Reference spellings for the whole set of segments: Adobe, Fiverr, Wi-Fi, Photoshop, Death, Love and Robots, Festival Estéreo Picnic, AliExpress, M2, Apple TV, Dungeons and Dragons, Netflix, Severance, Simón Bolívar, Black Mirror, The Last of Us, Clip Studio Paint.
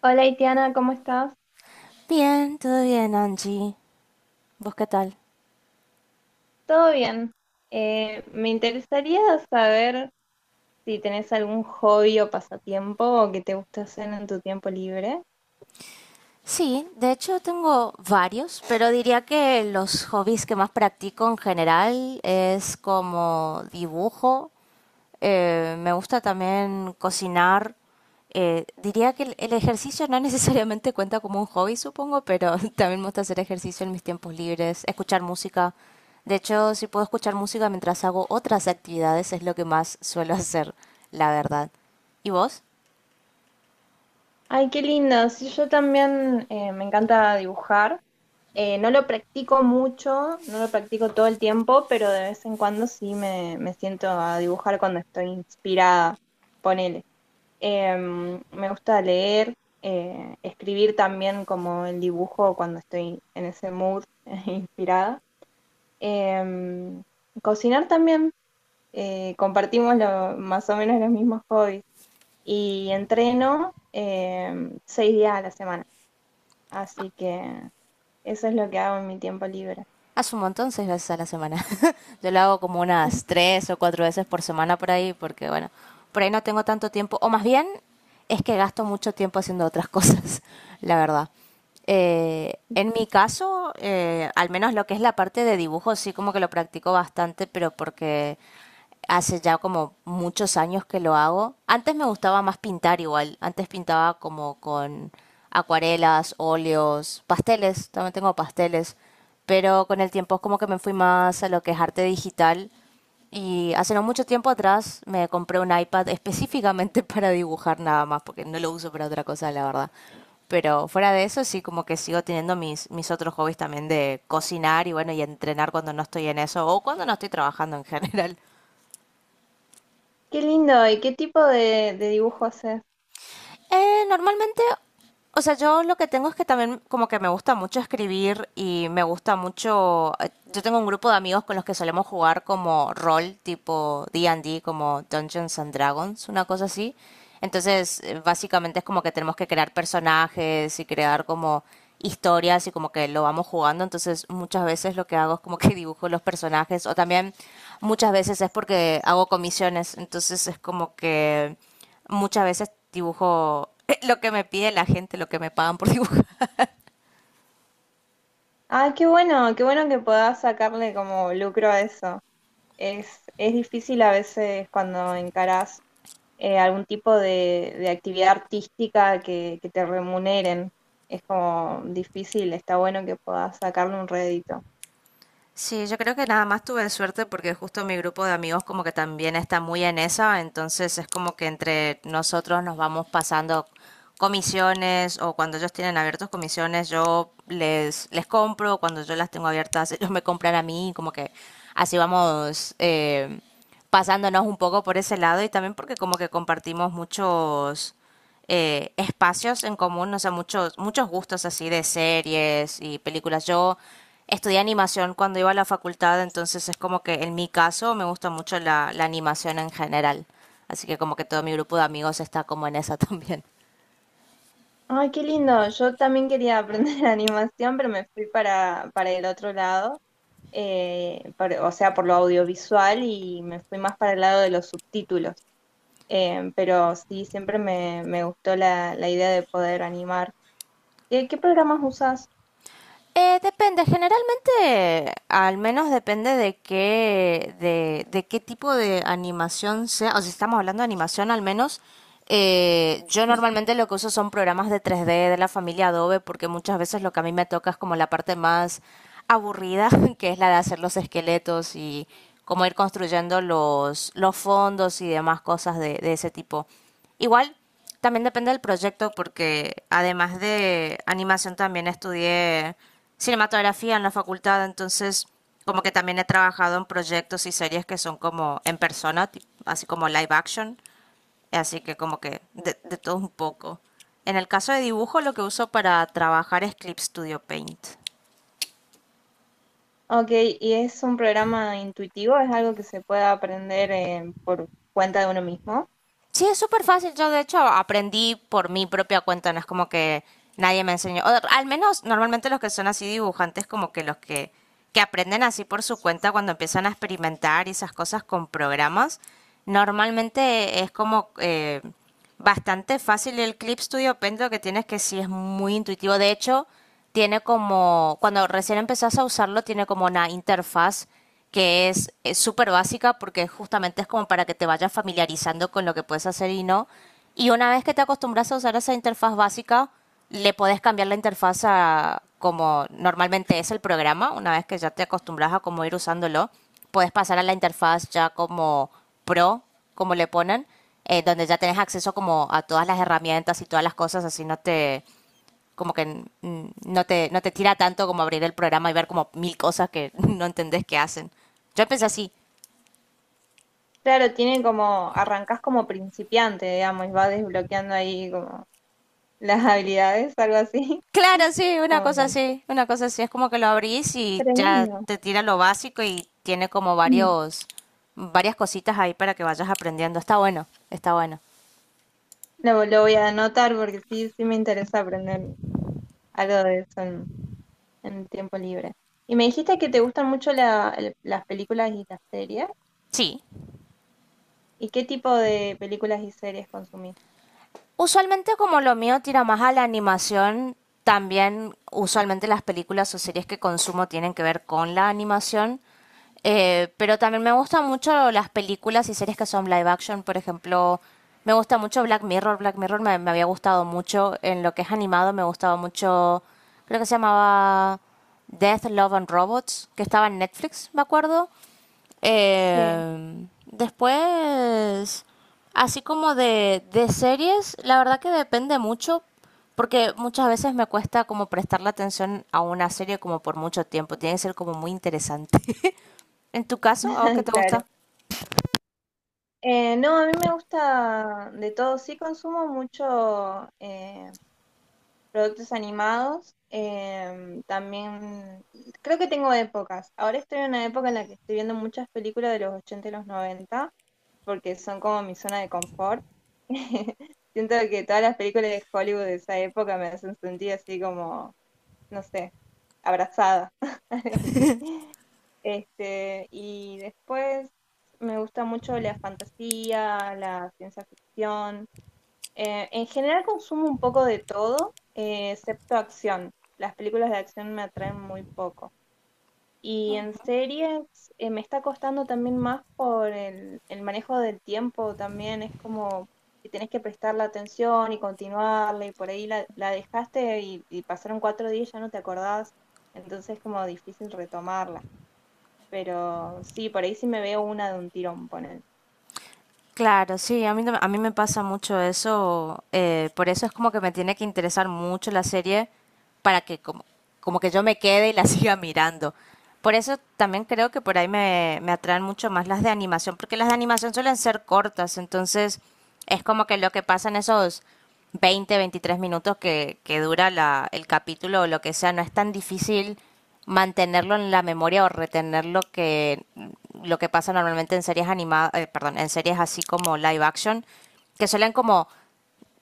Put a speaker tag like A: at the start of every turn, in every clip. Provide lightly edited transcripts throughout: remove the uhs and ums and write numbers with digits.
A: Hola, Itiana, ¿cómo estás?
B: Bien, todo bien, Angie. ¿Vos qué tal?
A: ¿Todo bien? Me interesaría saber si tenés algún hobby o pasatiempo o que te gusta hacer en tu tiempo libre.
B: Sí, de hecho tengo varios, pero diría que los hobbies que más practico en general es como dibujo. Me gusta también cocinar. Diría que el ejercicio no necesariamente cuenta como un hobby, supongo, pero también me gusta hacer ejercicio en mis tiempos libres, escuchar música. De hecho, si puedo escuchar música mientras hago otras actividades, es lo que más suelo hacer, la verdad. ¿Y vos?
A: Ay, qué lindo. Sí, yo también me encanta dibujar. No lo practico mucho, no lo practico todo el tiempo, pero de vez en cuando sí me siento a dibujar cuando estoy inspirada. Ponele. Me gusta leer, escribir también como el dibujo cuando estoy en ese mood inspirada. Em, Cocinar también, compartimos más o menos los mismos hobbies. Y entreno 6 días a la semana, así que eso es lo que hago en mi tiempo libre.
B: Hace un montón, seis veces a la semana. Yo lo hago como unas tres o cuatro veces por semana por ahí, porque bueno, por ahí no tengo tanto tiempo, o más bien es que gasto mucho tiempo haciendo otras cosas, la verdad. En mi caso, al menos lo que es la parte de dibujo, sí como que lo practico bastante, pero porque hace ya como muchos años que lo hago. Antes me gustaba más pintar igual, antes pintaba como con acuarelas, óleos, pasteles, también tengo pasteles, pero con el tiempo es como que me fui más a lo que es arte digital y hace no mucho tiempo atrás me compré un iPad específicamente para dibujar nada más, porque no lo uso para otra cosa, la verdad. Pero fuera de eso, sí, como que sigo teniendo mis otros hobbies también de cocinar y bueno, y entrenar cuando no estoy en eso o cuando no estoy trabajando en general.
A: Qué lindo, ¿y qué tipo de dibujo haces?
B: Normalmente, o sea, yo lo que tengo es que también como que me gusta mucho escribir y me gusta mucho... Yo tengo un grupo de amigos con los que solemos jugar como rol, tipo D and D, como Dungeons and Dragons, una cosa así. Entonces, básicamente es como que tenemos que crear personajes y crear como historias y como que lo vamos jugando, entonces muchas veces lo que hago es como que dibujo los personajes o también muchas veces es porque hago comisiones, entonces es como que muchas veces dibujo lo que me pide la gente, lo que me pagan por dibujar.
A: Ah, qué bueno que puedas sacarle como lucro a eso. Es difícil a veces cuando encarás algún tipo de actividad artística que te remuneren. Es como difícil, está bueno que puedas sacarle un rédito.
B: Sí, yo creo que nada más tuve suerte porque justo mi grupo de amigos como que también está muy en esa, entonces es como que entre nosotros nos vamos pasando comisiones o cuando ellos tienen abiertos comisiones yo les compro, cuando yo las tengo abiertas ellos me compran a mí, como que así vamos, pasándonos un poco por ese lado y también porque como que compartimos muchos espacios en común, no sé, muchos gustos así de series y películas. Yo estudié animación cuando iba a la facultad, entonces es como que en mi caso me gusta mucho la animación en general. Así que como que todo mi grupo de amigos está como en esa también.
A: Ay, qué lindo. Yo también quería aprender animación, pero me fui para el otro lado, o sea, por lo audiovisual y me fui más para el lado de los subtítulos. Pero sí, siempre me gustó la idea de poder animar. ¿Qué, qué programas usas?
B: Depende, generalmente, al menos depende de qué, de qué tipo de animación sea, o si estamos hablando de animación al menos, yo normalmente lo que uso son programas de 3D de la familia Adobe, porque muchas veces lo que a mí me toca es como la parte más aburrida, que es la de hacer los esqueletos y cómo ir construyendo los fondos y demás cosas de ese tipo. Igual, también depende del proyecto porque además de animación también estudié cinematografía en la facultad, entonces como que también he trabajado en proyectos y series que son como en persona, así como live action, así que como que de todo un poco. En el caso de dibujo lo que uso para trabajar es Clip Studio Paint.
A: Ok, ¿y es un programa intuitivo? ¿Es algo que se puede aprender por cuenta de uno mismo?
B: Sí, es súper fácil. Yo, de hecho, aprendí por mi propia cuenta. No es como que nadie me enseñó. O, al menos, normalmente los que son así dibujantes, como que que aprenden así por su cuenta cuando empiezan a experimentar y esas cosas con programas, normalmente es como bastante fácil el Clip Studio Paint, lo que tienes que sí es muy intuitivo. De hecho, tiene como, cuando recién empezás a usarlo, tiene como una interfaz que es súper básica porque justamente es como para que te vayas familiarizando con lo que puedes hacer y no. Y una vez que te acostumbras a usar esa interfaz básica, le podés cambiar la interfaz a como normalmente es el programa, una vez que ya te acostumbras a cómo ir usándolo puedes pasar a la interfaz ya como pro, como le ponen, donde ya tenés acceso como a todas las herramientas y todas las cosas, así no te como que no te, no te tira tanto como abrir el programa y ver como mil cosas que no entendés qué hacen. Yo empecé así.
A: Claro, tiene como, arrancás como principiante, digamos, y vas desbloqueando ahí como las habilidades, algo así.
B: Claro, sí, una cosa
A: Como...
B: así, una cosa así. Es como que lo abrís y ya
A: Tremendo.
B: te tira lo básico y tiene como
A: Mm.
B: varios, varias cositas ahí para que vayas aprendiendo. Está bueno, está bueno.
A: Lo voy a anotar porque sí, sí me interesa aprender algo de eso en tiempo libre. Y me dijiste que te gustan mucho las películas y las series.
B: Sí.
A: ¿Y qué tipo de películas y series consumís?
B: Usualmente como lo mío tira más a la animación, también usualmente las películas o series que consumo tienen que ver con la animación, pero también me gustan mucho las películas y series que son live action, por ejemplo, me gusta mucho Black Mirror, Black Mirror me había gustado mucho. En lo que es animado, me gustaba mucho, creo que se llamaba Death, Love and Robots, que estaba en Netflix, me acuerdo.
A: Sí,
B: Eh, después, así como de series, la verdad que depende mucho, porque muchas veces me cuesta como prestarle atención a una serie como por mucho tiempo, tiene que ser como muy interesante. ¿En tu caso, a vos qué te
A: claro.
B: gusta?
A: No, a mí me gusta de todo. Sí consumo mucho productos animados. También creo que tengo épocas. Ahora estoy en una época en la que estoy viendo muchas películas de los 80 y los 90 porque son como mi zona de confort. Siento que todas las películas de Hollywood de esa época me hacen sentir así como, no sé, abrazada, algo así. Este, y después me gusta mucho la fantasía, la ciencia ficción. En general consumo un poco de todo, excepto acción. Las películas de acción me atraen muy poco. Y en series me está costando también más por el manejo del tiempo también. Es como que tenés que prestarle atención y continuarle y por ahí la dejaste y pasaron 4 días y ya no te acordás. Entonces es como difícil retomarla. Pero sí, por ahí sí me veo una de un tirón, poner.
B: Claro, sí, a mí, a mí me pasa mucho eso, por eso es como que me tiene que interesar mucho la serie para que como, como que yo me quede y la siga mirando. Por eso también creo que por ahí me atraen mucho más las de animación, porque las de animación suelen ser cortas, entonces es como que lo que pasa en esos 20, 23 minutos que dura el capítulo o lo que sea, no es tan difícil mantenerlo en la memoria o retener lo que pasa normalmente en series animadas. Perdón, en series así como live action, que suelen como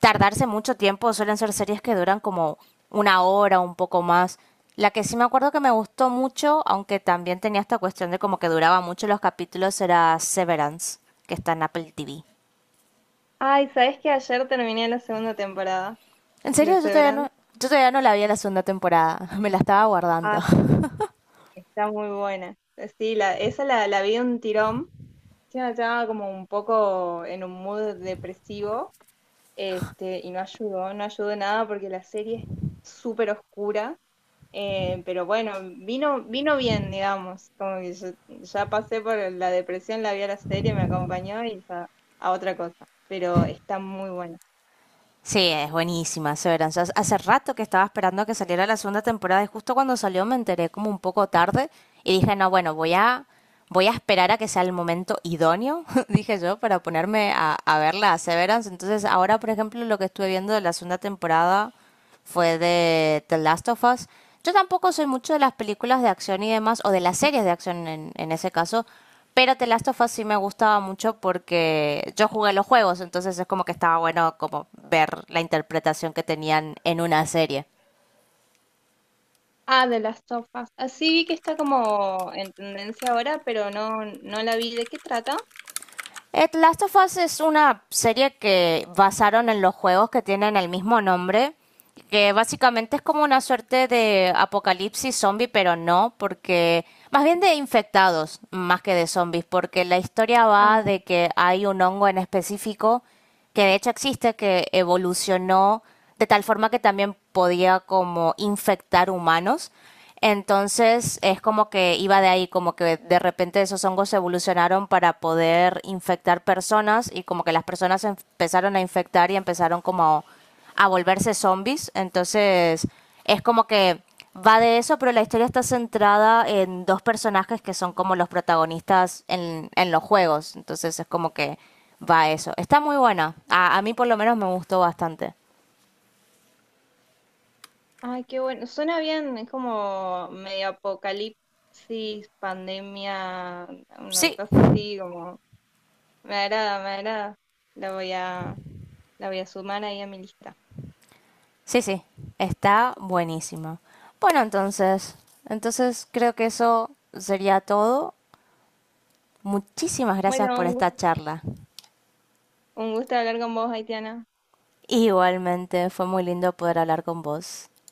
B: tardarse mucho tiempo, suelen ser series que duran como una hora, un poco más. La que sí me acuerdo que me gustó mucho, aunque también tenía esta cuestión de como que duraba mucho los capítulos, era Severance, que está en Apple TV.
A: Ay, ¿sabés que ayer terminé la segunda temporada
B: En
A: de
B: serio,
A: Severance?
B: yo todavía no la vi en la segunda temporada. Me la estaba guardando.
A: Ah, está muy buena. Sí, esa la vi de un tirón. Sí, me estaba como un poco en un mood depresivo. Este, y no ayudó, no ayudó nada porque la serie es súper oscura. Pero bueno, vino bien, digamos. Como que yo ya pasé por la depresión, la vi a la serie, me acompañó y ya a otra cosa. Pero está muy buena.
B: Sí, es buenísima Severance. Hace rato que estaba esperando que saliera la segunda temporada y justo cuando salió me enteré como un poco tarde y dije, no, bueno, voy a esperar a que sea el momento idóneo, dije yo, para ponerme a verla a Severance. Entonces ahora, por ejemplo, lo que estuve viendo de la segunda temporada fue de The Last of Us. Yo tampoco soy mucho de las películas de acción y demás, o de las series de acción en ese caso, pero The Last of Us sí me gustaba mucho porque yo jugué los juegos, entonces es como que estaba bueno como ver la interpretación que tenían en una serie.
A: Ah, de las sofas. Así vi que está como en tendencia ahora, pero no, no la vi. ¿De qué trata?
B: Last of Us es una serie que basaron en los juegos que tienen el mismo nombre, que básicamente es como una suerte de apocalipsis zombie, pero no, porque más bien de infectados más que de zombies, porque la historia va
A: Ah,
B: de que hay un hongo en específico que de hecho existe, que evolucionó de tal forma que también podía como infectar humanos. Entonces es como que iba de ahí, como que de repente esos hongos evolucionaron para poder infectar personas y como que las personas se empezaron a infectar y empezaron como a volverse zombies. Entonces, es como que va de eso, pero la historia está centrada en dos personajes que son como los protagonistas en los juegos. Entonces, es como que va a eso. Está muy buena. A mí, por lo menos, me gustó bastante.
A: ay, qué bueno. Suena bien, es como medio apocalipsis, pandemia, una
B: Sí,
A: cosa así como. Me agrada, me agrada. La voy a, la voy a sumar ahí a mi lista.
B: sí, sí. Está buenísima. Bueno, entonces, entonces creo que eso sería todo. Muchísimas gracias
A: Bueno,
B: por esta charla.
A: un gusto hablar con vos, Haitiana.
B: Igualmente, fue muy lindo poder hablar con vos.